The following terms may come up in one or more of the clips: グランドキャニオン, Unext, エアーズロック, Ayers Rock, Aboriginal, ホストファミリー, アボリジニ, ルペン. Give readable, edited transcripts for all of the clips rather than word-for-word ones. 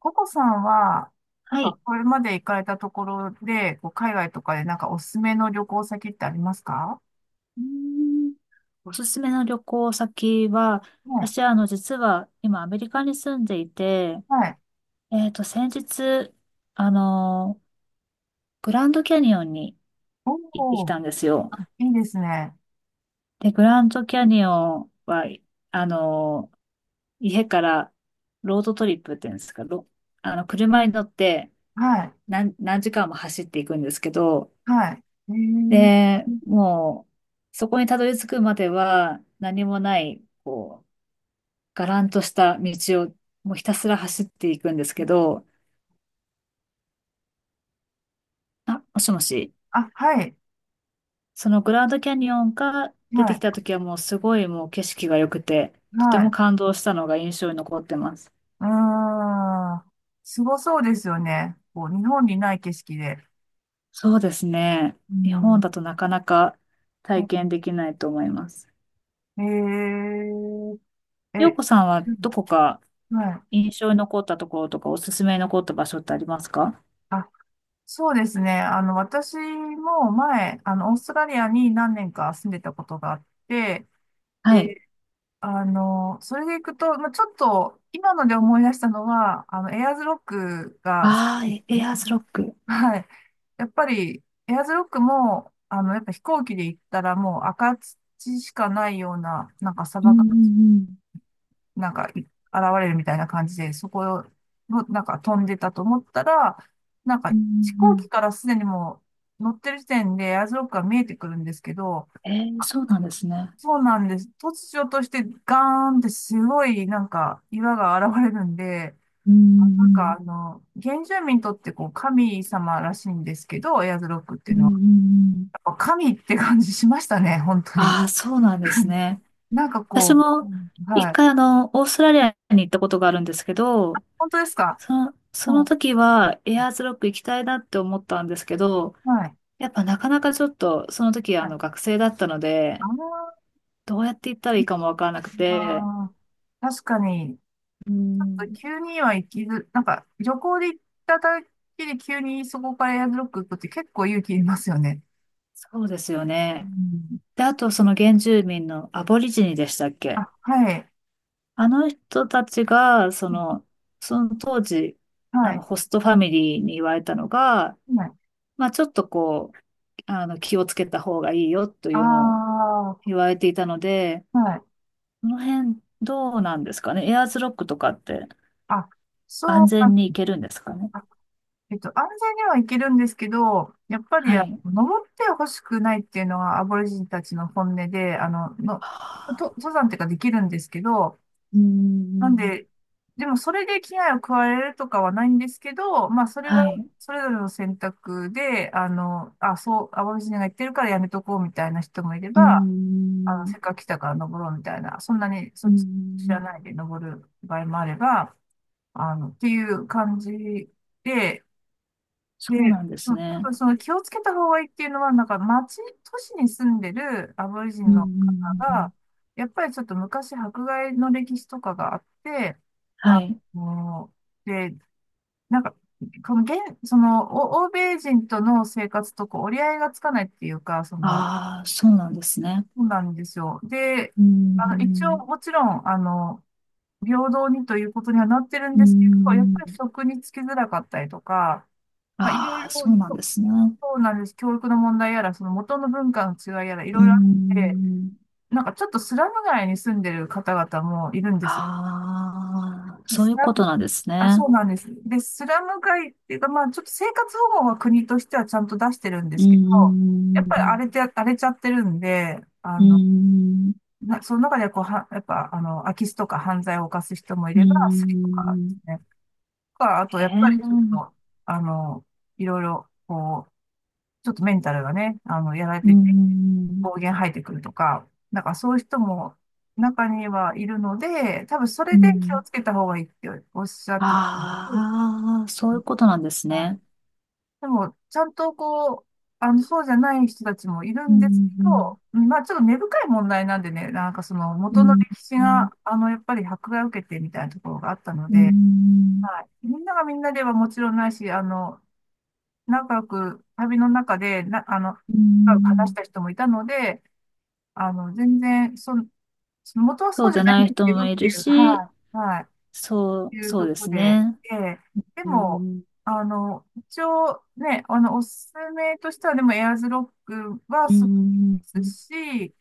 ココさんは、なんはかい。これまで行かれたところで、こう海外とかでなんかおすすめの旅行先ってありますか？うーんおすすめの旅行先は、はい。私は実は今アメリカに住んでいて、はい。先日、あの、グランドキャニオンに行ってきおー、たんですよ。あ、いいですね。で、グランドキャニオンは、あの、家からロードトリップっていうんですか、ろあの、車に乗ってはい。何時間も走っていくんですけど、はい。えー、で、もう、そこにたどり着くまでは何もない、こう、がらんとした道をもうひたすら走っていくんですけど、あ、もしもし、あ、はい。そのグランドキャニオンが出はてきい。た時はもうすごいもう景色が良くて、とてはもい。感動したのが印象に残ってます。うーん。すごそうですよね。こう、日本にない景色で。そうですね。日う本ん。だとなかなかう体験ん、できないと思います。えー、洋え、子さんはうどん、こかはい。印象に残ったところとかおすすめに残った場所ってありますか？あ、そうですね。私も前、オーストラリアに何年か住んでたことがあって、はい。で、それで行くと、まあ、ちょっと、今ので思い出したのは、エアーズロックが、ああ、エエアーズロック。はい。やっぱり、エアーズロックも、やっぱ飛行機で行ったらもう赤土しかないような、なんか砂うんう漠んうん。なんか、現れるみたいな感じで、そこを、なんか飛んでたと思ったら、なんうか、んう飛行ん機からすでにもう乗ってる時点でエアーズロックが見えてくるんですけど、うん。そうなんですね。そうなんです。突如としてガーンってすごいなんか岩が現れるんで、うんうなんんかうん。原住民にとってこう神様らしいんですけど、エアーズロックっていうんううのんは。うん。やっぱ神って感じしましたね、本当に。ああ、そうなんですね。なんか私こう、うもん、一はい。回オーストラリアに行ったことがあるんですけど、本当ですか？その、そうのん、時はエアーズロック行きたいなって思ったんですけど、はい。やっぱなかなかちょっとその時はい。学生だったので、あどうやって行ったらいいかもわからなくて、あ、あ、確かに、ちうょっとん、急には行きず、なんか旅行で行っただけで急にそこからエアドロップ行くって結構勇気いりますよね。そうですようね。ん。で、あとその原住民のアボリジニでしたっけ？あ、はい。あの人たちが、その、その当時、はい。ホストファミリーに言われたのが、はい。まあちょっとこう、気をつけた方がいいよとあいうのを言あ、われていたので、はい。この辺どうなんですかね。エアーズロックとかってあ、そ安うか。全に行けるんですかね。あ、安全には行けるんですけど、やっぱり、はい。は登ってほしくないっていうのがアボリジニたちの本音で、あ。と登山っていうかできるんですけど、うーなんん。で、でもそれで危害を加えるとかはないんですけど、まあそれははい。それぞれの選択で、あ、そう、淡路島が言ってるからやめとこうみたいな人もいれうーば、ん。せっかく来たから登ろうみたいな、そんなにうそーっち知らん。ないで登る場合もあれば、っていう感じで、そうで、なんでそすう、多ね。分その気をつけた方がいいっていうのは、なんか町、都市に住んでるアボリジうンーの方が、ん。やっぱりちょっと昔迫害の歴史とかがあって、はあい。の、で、なんか、この現、その、お欧米人との生活とこう折り合いがつかないっていうか、その、ああ、そうなんですね。そうなんですよ。で、うー一応ん。もちろん、平等にということにはなってるんうーですけど、やっぱりん。職に就きづらかったりとか、まあ、いろいああ、ろそうなんですね。うそうなんです。教育の問題やら、その元の文化の違いやら、いーろいろあって、ん。なんかちょっとスラム街に住んでる方々もいるんです。ああ、そうスいうラことム、なんですあ、そね。うなんです。で、スラム街っていうか、まあちょっと生活保護は国としてはちゃんと出してるんでうーすけど、やっぱりん、荒れちゃってるんで、うーん、な、その中でこう、は、やっぱ、空き巣とか犯罪を犯す人もいうーれば、スリとかですん、ね。とか、あと、えやっぱりちょっえ、と、あの、いろいろ、こう、ちょっとメンタルがね、やられうーてん、暴言吐いてくるとか、なんかそういう人も中にはいるので、多分そうれで気をん。つけた方がいいっておっしゃってたああ、そういまうすことなんですはい。ね。でも、ちゃんとこう、そうじゃない人たちもいるうんですん、けうん、ど、うん、まあちょっと根深い問題なんでね、なんかそのう元のん、歴史が、やっぱり迫害を受けてみたいなところがあったのうで、ん、はい、みんながみんなではもちろんないし、仲良く旅の中でな、う話しん。た人もいたので、全然、その、その元はそそううじじゃゃないなんいです人けもどっいているう、し、はい、はそい、う、いうそうとでこすで、ね。で、でうも、ん、一応ね、おすすめとしては、でもエアーズロックはうすごいん。ですし、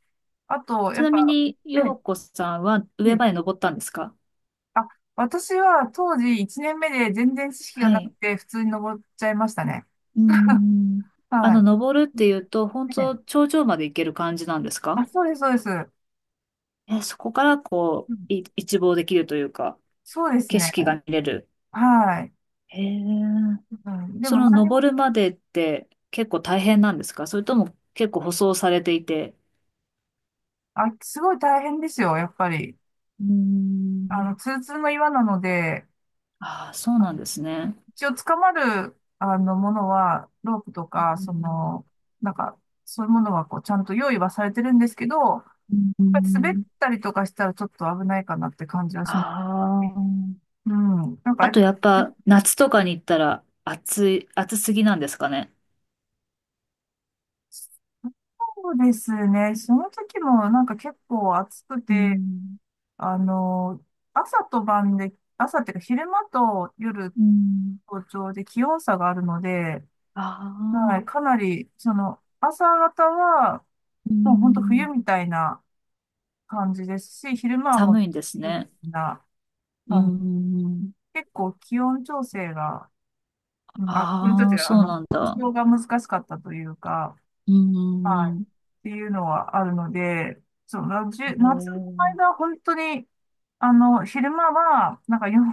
あと、ちやっなみぱ、に、え陽え、子さんは上まで登ったんですか？あ、私は当時1年目で全然知識がはなくい。て、普通に登っちゃいましたね。うーん。は登るっていうと、本当い。ええ、頂上まで行ける感じなんですあ、か？そうです、そうです。え、そこからこうん、う、一望できるというか、そうです景ね。色が見れる。はい。へえ。うん、でそもの何にも、登るまでって結構大変なんですか？それとも結構舗装されていて。あ、すごい大変ですよ、やっぱり。うーん。ツルツルの岩なので、ああ、そうあなんのですね。一応捕まる、ものは、ロープとうか、そんの、なんか、そういうものは、こう、ちゃんと用意はされてるんですけど、やっうぱり滑っん、たりとかしたらちょっと危ないかなって感じはします。ああ。うん。なんか、あやっとぱ、やっぱ夏とかに行ったら暑すぎなんですかね。そうですね。その時も、なんか結構暑くうて、ん。あの、朝と晩で、朝っていうか昼間と夜、うん。早朝で気温差があるので、はい、あかなり、その、朝方は、うーもう本当冬ん、みたいな感じですし、昼間はも寒う、いんですルビね。なうー感じ。ん。結構気温調整が、うんあ、気温調あ整あ、が、そうなん服だ。装が難しかったというか、うーはい、っん。ていうのはあるので、その、じおゅ夏のー間は本当に、昼間は、なんか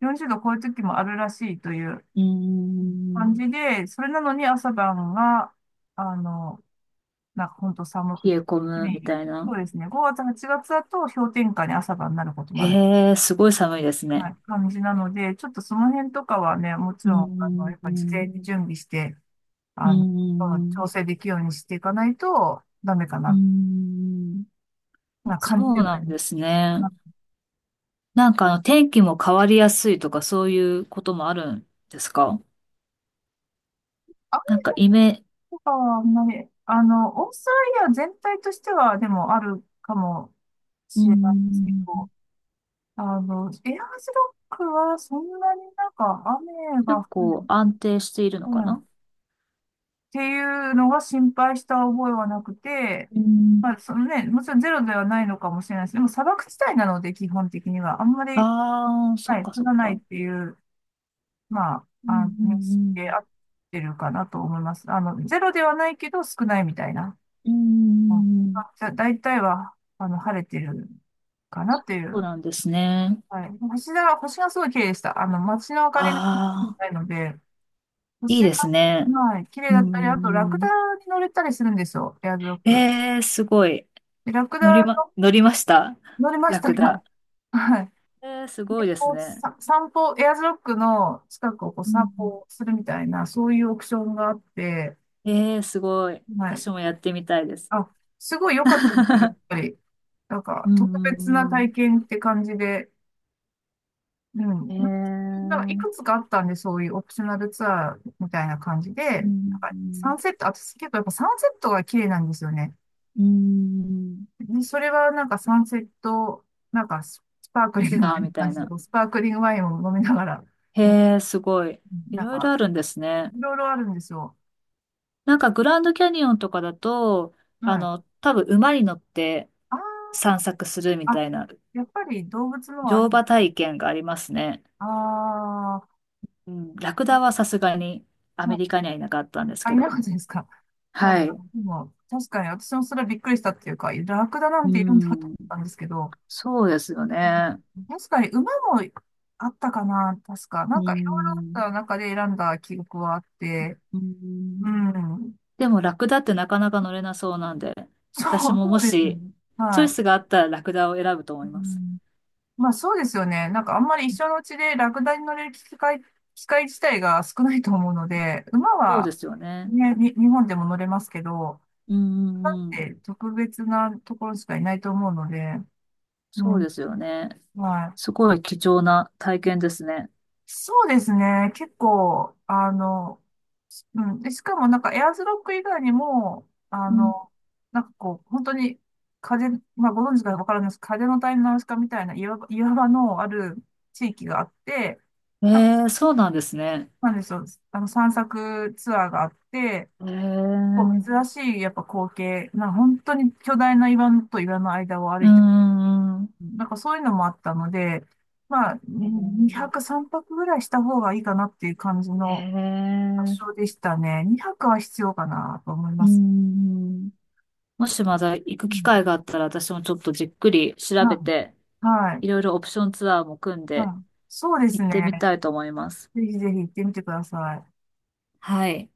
40度超える時もあるらしいといううー感ん。じで、それなのに朝晩が、あの、なんか本当寒く冷て。え込はむみい、たいな。そうですね。5月、8月だと氷点下に朝晩になることもある、へえ、すごい寒いですはね。い、感じなので、ちょっとその辺とかはね、もちうーろん、ん。やっうぱーり事前ん。に準備して、あの、調整できるようにしていかないとダメかうーな、ん。なそ感じでうはいなんる。ですね。まなんか天気も変わりやすいとかそういうこともあるんですか？あ、なんかイメ、雨はあんまり、オーストラリア全体としては、でもあるかもうーしれないですけん。ど、エアーズロックはそんなになんか雨が結降る、構安定しているのうかん、な？っていうのは心配した覚えはなくて、うーんまあ、そのね、もちろんゼロではないのかもしれないです。でも砂漠地帯なので、基本的には。あんまり、ああ、そっはい、か降そっらないか。っていう、まあ、うんう認識で合っんてるかなと思います。ゼロではないけど少ないみたいな。うん。ううん、んうんうん。じゃ大体は、晴れてるかなっていそうう。なんですね。はい。星がすごい綺麗でした。街の明かりがああ、ないので、いい星ですが、ね。はい、綺麗うだったり、あとラクんうダんに乗れたりするんですよ。エアドロッうん。プ。すごい。ラク乗りダま、の乗りました。乗りましラたクが、ダ。はい。すごで、いですこう、ね。さ、散歩、エアーズロックの近くをこうう散ん歩するみたいな、そういうオプションがあって、うん、すごい。はい。私もやってみたいです。あ、すごい良かったんですけど、やっ ぱり、なんか、う特別なんう体ん験って感じで、ううん。なんか、なんかいん。くつかあったんで、そういうオプショナルツアーみたいな感じで、うなんんうかサんンセット、私結構やっぱサンセットが綺麗なんですよね。うん。ね、それはなんかサンセット、なんか、ス、スパークリンツグみアたーいみなた感いじで、な。こうスパークリングワインを飲みながら、へに、え、すごい。いなんろいろか、あるんですね。いろいろあるんですよ。なんかグランドキャニオンとかだと、はい。多分馬に乗ってあー、散策するみたあ、いなやっぱり動物のはあ乗る。馬体験がありますね。あうん、ラクダはさすがにアー、メあ、リカにはいなかったんですあ、いけなど。かったですか。なんはか、い。でも、確かに私もそれはびっくりしたっていうか、ラクダなうんているんだと思っん、たんですけど、そうですようね。ん、確かに馬もあったかな、確か。なうんかいろいろあん、った中で選んだ記憶はあって、ううん、ん。でもラクダってなかなか乗れなそうなんで、そ私う、もそもうですよしね。チョはイい。スがあったらラクダを選ぶと思ういます。ん、まあそうですよね。なんかあんまり一緒のうちでラクダに乗れる機会、機会自体が少ないと思うので、馬そうではすよね。ね、日本でも乗れますけど、うん、うん、うん。え、特別なところしかいないと思うので、うそうん、ですよね。はすごい貴重な体い。験ですね。そうですね。結構、うん。で、しかもなんかエアーズロック以外にも、うんなんかこう、本当に風、まあご存知かわからないです。風の谷のナウシカみたいな岩場のある地域があって、えなんか、ー、そうなんですね。なんでしょう、散策ツアーがあって、えー、こう珍しいやっぱ光景、まあ本当に巨大な岩と岩の間を歩うーいて、ん。なんかそういうのもあったので、まあ、え2ー、泊3泊ぐらいした方がいいかなっていう感じえの発症ーでしたね。2泊は必要かなと思いうーます。ん。もしまだ行くう機ん、会があったら、私もちょっとじっくり調べうん、て、はい。いろいろオプションツアーも組んうでん、そうで行すってみね。たいと思います。ぜひぜひ行ってみてください。はい。